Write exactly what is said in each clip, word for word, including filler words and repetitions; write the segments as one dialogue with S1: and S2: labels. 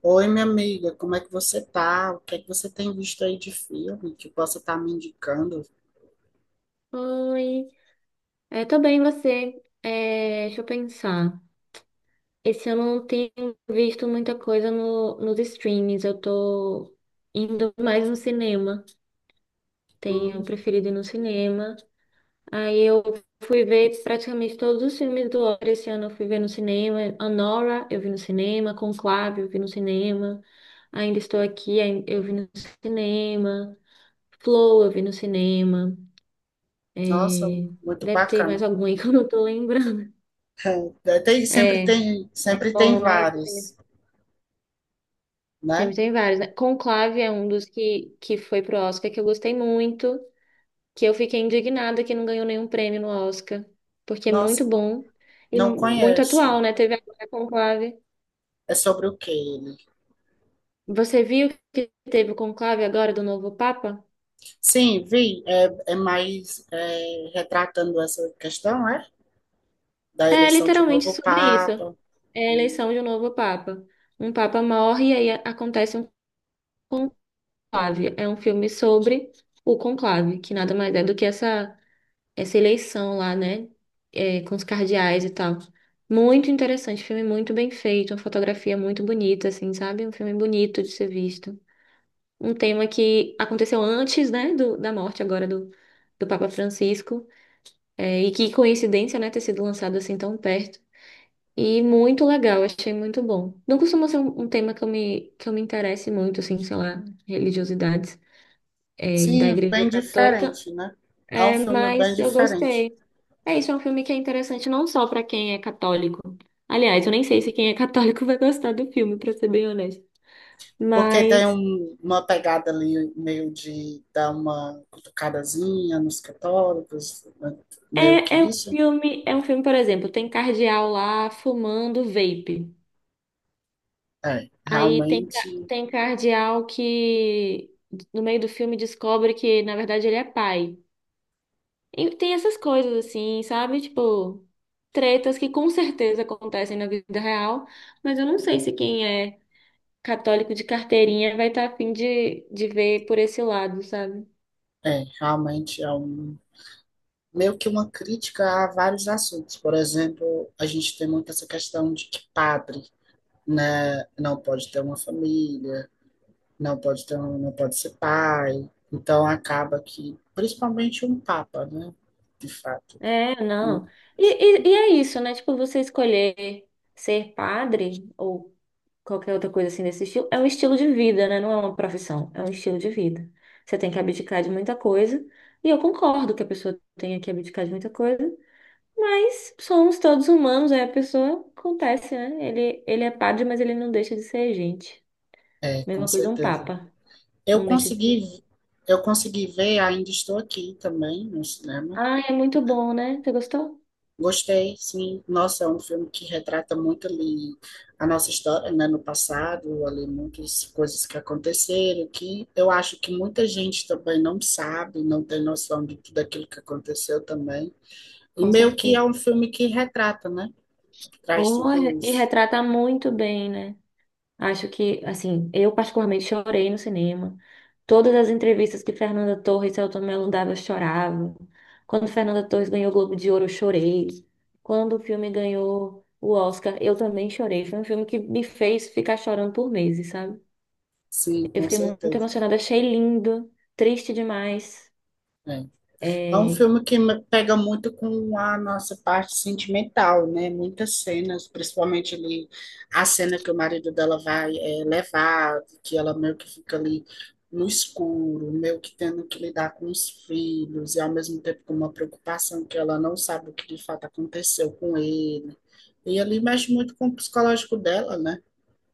S1: Oi, minha amiga, como é que você tá? O que é que você tem visto aí de filme que possa estar me indicando?
S2: Oi, é, tô bem, você? É, deixa eu pensar. Esse ano eu não tenho visto muita coisa no, nos streams, eu tô indo mais no cinema. Tenho
S1: Hum,
S2: preferido ir no cinema. Aí eu fui ver praticamente todos os filmes do Oscar esse ano, eu fui ver no cinema. Anora, eu vi no cinema. Conclave, eu vi no cinema. Ainda Estou Aqui, ai- eu vi no cinema. Flow, eu vi no cinema.
S1: nossa,
S2: É,
S1: muito
S2: deve ter mais
S1: bacana.
S2: algum aí que eu não tô lembrando.
S1: É, é, Tem, sempre
S2: É.
S1: tem, sempre tem
S2: Bom, né? Isso Sempre
S1: vários, né?
S2: sempre tem vários, né? Conclave é um dos que, que foi pro Oscar que eu gostei muito, que eu fiquei indignada que não ganhou nenhum prêmio no Oscar, porque é muito
S1: Nossa,
S2: bom e
S1: não
S2: muito atual,
S1: conheço.
S2: né? Teve agora Conclave.
S1: É sobre o que ele?
S2: Você viu que teve o Conclave agora do novo Papa?
S1: Sim, vi. É, é mais é, retratando essa questão, é? Da
S2: É
S1: eleição de um
S2: literalmente
S1: novo
S2: sobre isso.
S1: Papa.
S2: É a
S1: Hum.
S2: eleição de um novo Papa. Um Papa morre e aí acontece um conclave. É um filme sobre o conclave, que nada mais é do que essa essa eleição lá, né? É, com os cardeais e tal. Muito interessante, filme muito bem feito, uma fotografia muito bonita, assim, sabe? Um filme bonito de ser visto. Um tema que aconteceu antes, né, do, da morte agora do, do Papa Francisco, é, e que coincidência, né, ter sido lançado assim tão perto. E muito legal, achei muito bom. Não costuma ser um, um tema que eu me, que eu me interesse muito, assim, sei lá, religiosidades, é, da
S1: Sim,
S2: Igreja
S1: bem
S2: Católica,
S1: diferente, né? É um
S2: é,
S1: filme bem
S2: mas eu
S1: diferente.
S2: gostei. É isso, é um filme que é interessante não só pra quem é católico. Aliás, eu nem sei se quem é católico vai gostar do filme, pra ser bem honesto.
S1: Porque
S2: Mas
S1: tem um- uma pegada ali meio de dar uma cutucadazinha nos católicos, né? Meio
S2: é,
S1: que
S2: é um
S1: isso.
S2: filme, é um filme, por exemplo, tem cardeal lá fumando vape.
S1: É,
S2: Aí tem, ca-
S1: realmente.
S2: tem cardeal que no meio do filme descobre que, na verdade, ele é pai. E tem essas coisas assim, sabe? Tipo, tretas que com certeza acontecem na vida real, mas eu não sei se quem é católico de carteirinha vai estar tá a fim de, de ver por esse lado, sabe?
S1: É, realmente é um, meio que uma crítica a vários assuntos. Por exemplo, a gente tem muito essa questão de que padre, né, não pode ter uma família, não pode ter, um- não pode ser pai. Então acaba que, principalmente um papa, né, de fato.
S2: É, não. E, e, e é isso, né? Tipo, você escolher ser padre ou qualquer outra coisa assim desse estilo, é um estilo de vida, né? Não é uma profissão, é um estilo de vida. Você tem que abdicar de muita coisa, e eu concordo que a pessoa tenha que abdicar de muita coisa, mas somos todos humanos, aí a pessoa acontece, né? Ele, ele é padre, mas ele não deixa de ser gente.
S1: É, com
S2: Mesma coisa um
S1: certeza.
S2: papa,
S1: Eu
S2: não deixa de ser.
S1: consegui, eu consegui ver, ainda estou aqui também no cinema.
S2: Ah, é muito bom, né? Você gostou?
S1: Gostei, sim. Nossa, é um filme que retrata muito ali a nossa história, né, no passado, ali muitas coisas que aconteceram, que eu acho que muita gente também não sabe, não tem noção de tudo aquilo que aconteceu também. E
S2: Com
S1: meio que é
S2: certeza.
S1: um filme que retrata, né? Traz
S2: Oh,
S1: tudo
S2: é- e
S1: isso.
S2: retrata muito bem, né? Acho que, assim, eu particularmente chorei no cinema. Todas as entrevistas que Fernanda Torres e Selton Mello dava, eu chorava. Quando Fernanda Torres ganhou o Globo de Ouro, eu chorei. Quando o filme ganhou o Oscar, eu também chorei. Foi um filme que me fez ficar chorando por meses, sabe?
S1: Sim,
S2: Eu
S1: com
S2: fiquei muito
S1: certeza.
S2: emocionada, achei lindo, triste demais.
S1: É. É um
S2: É,
S1: filme que me pega muito com a nossa parte sentimental, né? Muitas cenas, principalmente ali a cena que o marido dela vai eh, levar, que ela meio que fica ali no escuro, meio que tendo que lidar com os filhos, e ao mesmo tempo com uma preocupação que ela não sabe o que de fato aconteceu com ele. E ali mexe muito com o psicológico dela, né?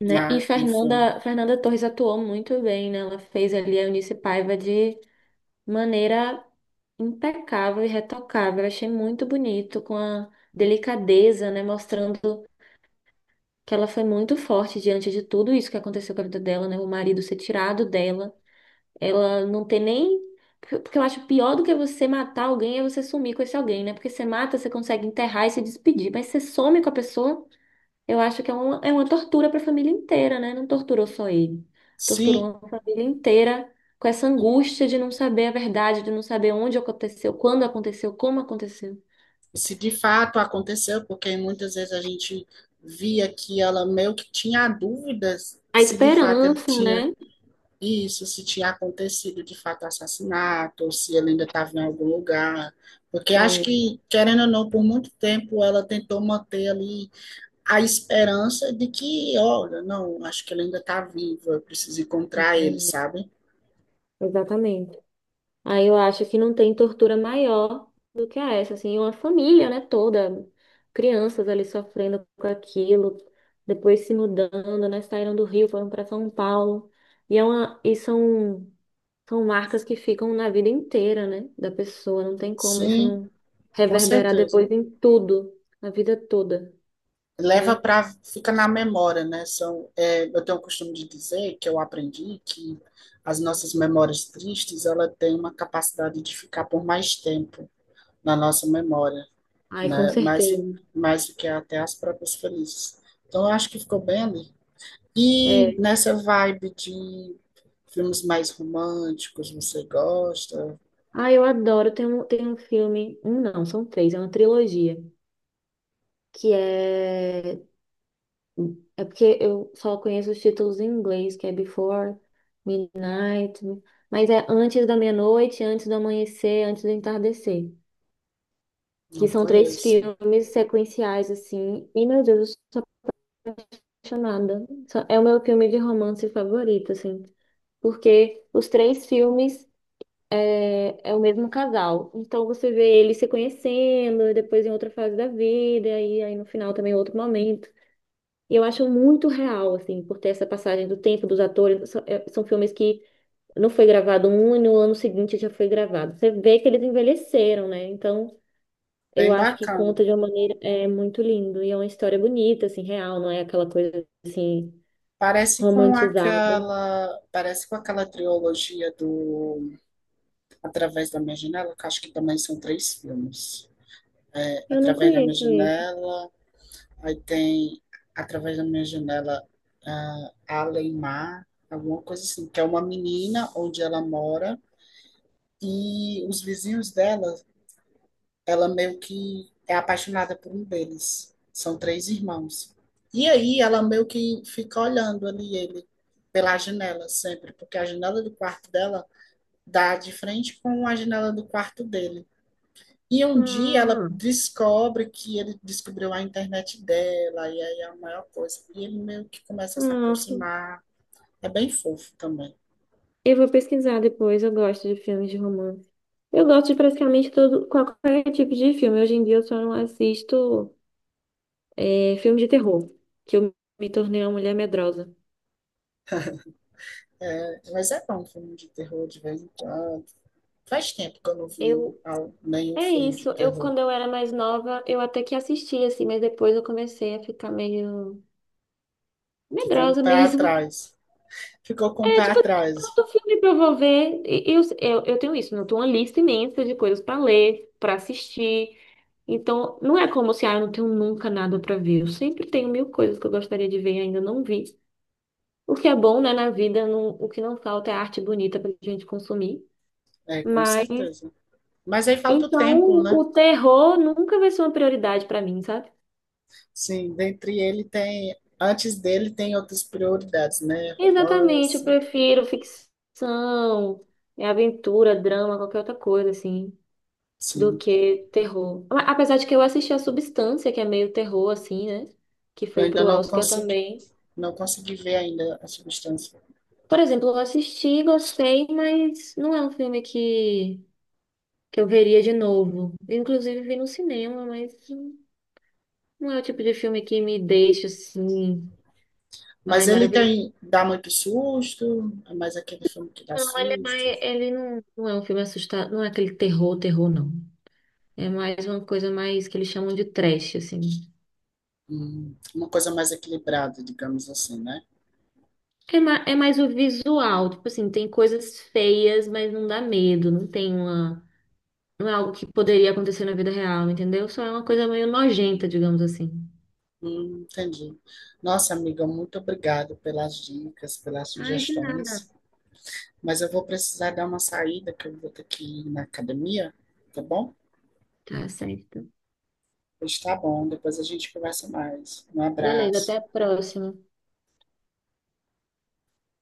S2: né? E
S1: Na, no filme.
S2: Fernanda, Fernanda Torres atuou muito bem, né? Ela fez ali a Eunice Paiva de maneira impecável e retocável. Eu achei muito bonito, com a delicadeza, né? Mostrando que ela foi muito forte diante de tudo isso que aconteceu com a vida dela, né? O marido ser tirado dela. Ela não ter nem. Porque eu acho pior do que você matar alguém é você sumir com esse alguém, né? Porque você mata, você consegue enterrar e se despedir, mas você some com a pessoa. Eu acho que é uma, é uma tortura para a família inteira, né? Não torturou só ele. Torturou
S1: Sim,
S2: uma família inteira com essa angústia de não saber a verdade, de não saber onde aconteceu, quando aconteceu, como aconteceu.
S1: se de fato aconteceu, porque muitas vezes a gente via que ela meio que tinha dúvidas
S2: A
S1: se de fato ele
S2: esperança,
S1: tinha
S2: né?
S1: isso, se tinha acontecido de fato o assassinato, ou se ele ainda estava em algum lugar. Porque acho
S2: É,
S1: que, querendo ou não, por muito tempo ela tentou manter ali a esperança de que, olha, não, acho que ele ainda está vivo, eu preciso encontrar ele,
S2: hum,
S1: sabe?
S2: exatamente. Aí eu acho que não tem tortura maior do que essa, assim, uma família, né, toda, crianças ali sofrendo com aquilo, depois se mudando, né, saíram do Rio, foram para São Paulo. E é uma, e são São marcas que ficam na vida inteira, né, da pessoa. Não tem como isso
S1: Sim,
S2: não
S1: com
S2: reverberar
S1: certeza.
S2: depois em tudo, na vida toda,
S1: Leva
S2: né?
S1: para fica na memória, né? São, é, eu tenho o costume de dizer que eu aprendi que as nossas memórias tristes, ela tem uma capacidade de ficar por mais tempo na nossa memória,
S2: Ai, com
S1: né? Mais
S2: certeza.
S1: mais do que até as próprias felizes. Então eu acho que ficou bem ali. E
S2: É.
S1: nessa vibe de filmes mais românticos, você gosta?
S2: Ah, eu adoro. Tem um, tem um filme, um não, são três, é uma trilogia, que é é porque eu só conheço os títulos em inglês, que é Before Midnight, mas é Antes da Meia-Noite, Antes do Amanhecer, Antes do Entardecer, que
S1: Não
S2: são três
S1: conheço.
S2: filmes sequenciais assim. E meu Deus, apaixonada. Só- É o meu filme de romance favorito, assim, porque os três filmes é, é o mesmo casal. Então você vê eles se conhecendo, e depois em outra fase da vida, e aí aí no final também é outro momento. E eu acho muito real, assim, por ter essa passagem do tempo dos atores. São, é- são filmes que não foi gravado um e no ano seguinte já foi gravado. Você vê que eles envelheceram, né? Então eu
S1: Bem
S2: acho que
S1: bacana.
S2: conta de uma maneira é muito lindo e é uma história bonita, assim, real, não é aquela coisa assim
S1: Parece com
S2: romantizada.
S1: aquela, parece com aquela trilogia do Através da Minha Janela, que acho que também são três filmes. É,
S2: Eu não
S1: Através da Minha
S2: conheço esse.
S1: Janela, aí tem Através da Minha Janela, ah, Além alguma coisa assim, que é uma menina onde ela mora e os vizinhos dela, ela meio que é apaixonada por um deles. São três irmãos. E aí ela meio que fica olhando ali ele pela janela sempre, porque a janela do quarto dela dá de frente com a janela do quarto dele. E um dia ela
S2: Ah,
S1: descobre que ele descobriu a internet dela, e aí é a maior coisa. E ele meio que começa a se
S2: ah,
S1: aproximar. É bem fofo também.
S2: eu vou pesquisar depois. Eu gosto de filmes de romance. Eu gosto de praticamente todo, qualquer tipo de filme. Hoje em dia eu só não assisto é, filme de terror, que eu me tornei uma mulher medrosa.
S1: É, mas é bom um filme de terror de vez em quando. Faz tempo que eu não vi
S2: Eu,
S1: al- nenhum
S2: é
S1: filme de
S2: isso. Eu,
S1: terror.
S2: quando eu era mais nova, eu até que assistia, assim, mas depois eu comecei a ficar meio
S1: Ficou um
S2: medrosa
S1: pé
S2: mesmo.
S1: atrás. Ficou com um pé
S2: É, tipo,
S1: atrás,
S2: tanto filme pra eu vou ver. e- Eu, eu, eu tenho isso, né? Eu tenho uma lista imensa de coisas pra ler, pra assistir. Então, não é como se, ah, eu não tenho nunca nada pra ver. Eu sempre tenho mil coisas que eu gostaria de ver e ainda não vi. O que é bom, né, na vida, não- o que não falta é arte bonita pra gente consumir.
S1: é, com
S2: Mas,
S1: certeza. Mas aí falta o tempo,
S2: então,
S1: né?
S2: o terror nunca vai ser uma prioridade pra mim, sabe?
S1: Sim, dentre ele tem. Antes dele tem outras prioridades, né?
S2: Exatamente, eu
S1: Romance,
S2: prefiro ficção, é aventura, drama, qualquer outra coisa, assim, do
S1: sim.
S2: que terror. A- Apesar de que eu assisti a Substância, que é meio terror, assim, né? Que
S1: Eu
S2: foi
S1: ainda
S2: pro
S1: não
S2: Oscar
S1: consigo
S2: também.
S1: Não consegui ver ainda a substância.
S2: Por exemplo, eu assisti, gostei, mas não é um filme que, que eu veria de novo. Inclusive, vi no cinema, mas não é o tipo de filme que me deixa assim, ai,
S1: Mas ele
S2: maravilhoso.
S1: tem, dá muito susto, é mais aquele filme que dá
S2: Não, ele é
S1: susto.
S2: mais, ele não, não é um filme assustado, não é aquele terror, terror, não. É mais uma coisa mais que eles chamam de trash, assim.
S1: Hum, uma coisa mais equilibrada, digamos assim, né?
S2: É, ma- é mais o visual, tipo assim, tem coisas feias, mas não dá medo, não tem uma, não é algo que poderia acontecer na vida real, entendeu? Só é uma coisa meio nojenta, digamos assim.
S1: Hum, entendi. Nossa, amiga, muito obrigado pelas dicas, pelas
S2: Ai, de
S1: sugestões.
S2: nada.
S1: Mas eu vou precisar dar uma saída, que eu vou ter que ir na academia, tá bom?
S2: Tá certo.
S1: Pois tá bom, depois a gente conversa mais. Um
S2: Beleza, até
S1: abraço.
S2: a próxima.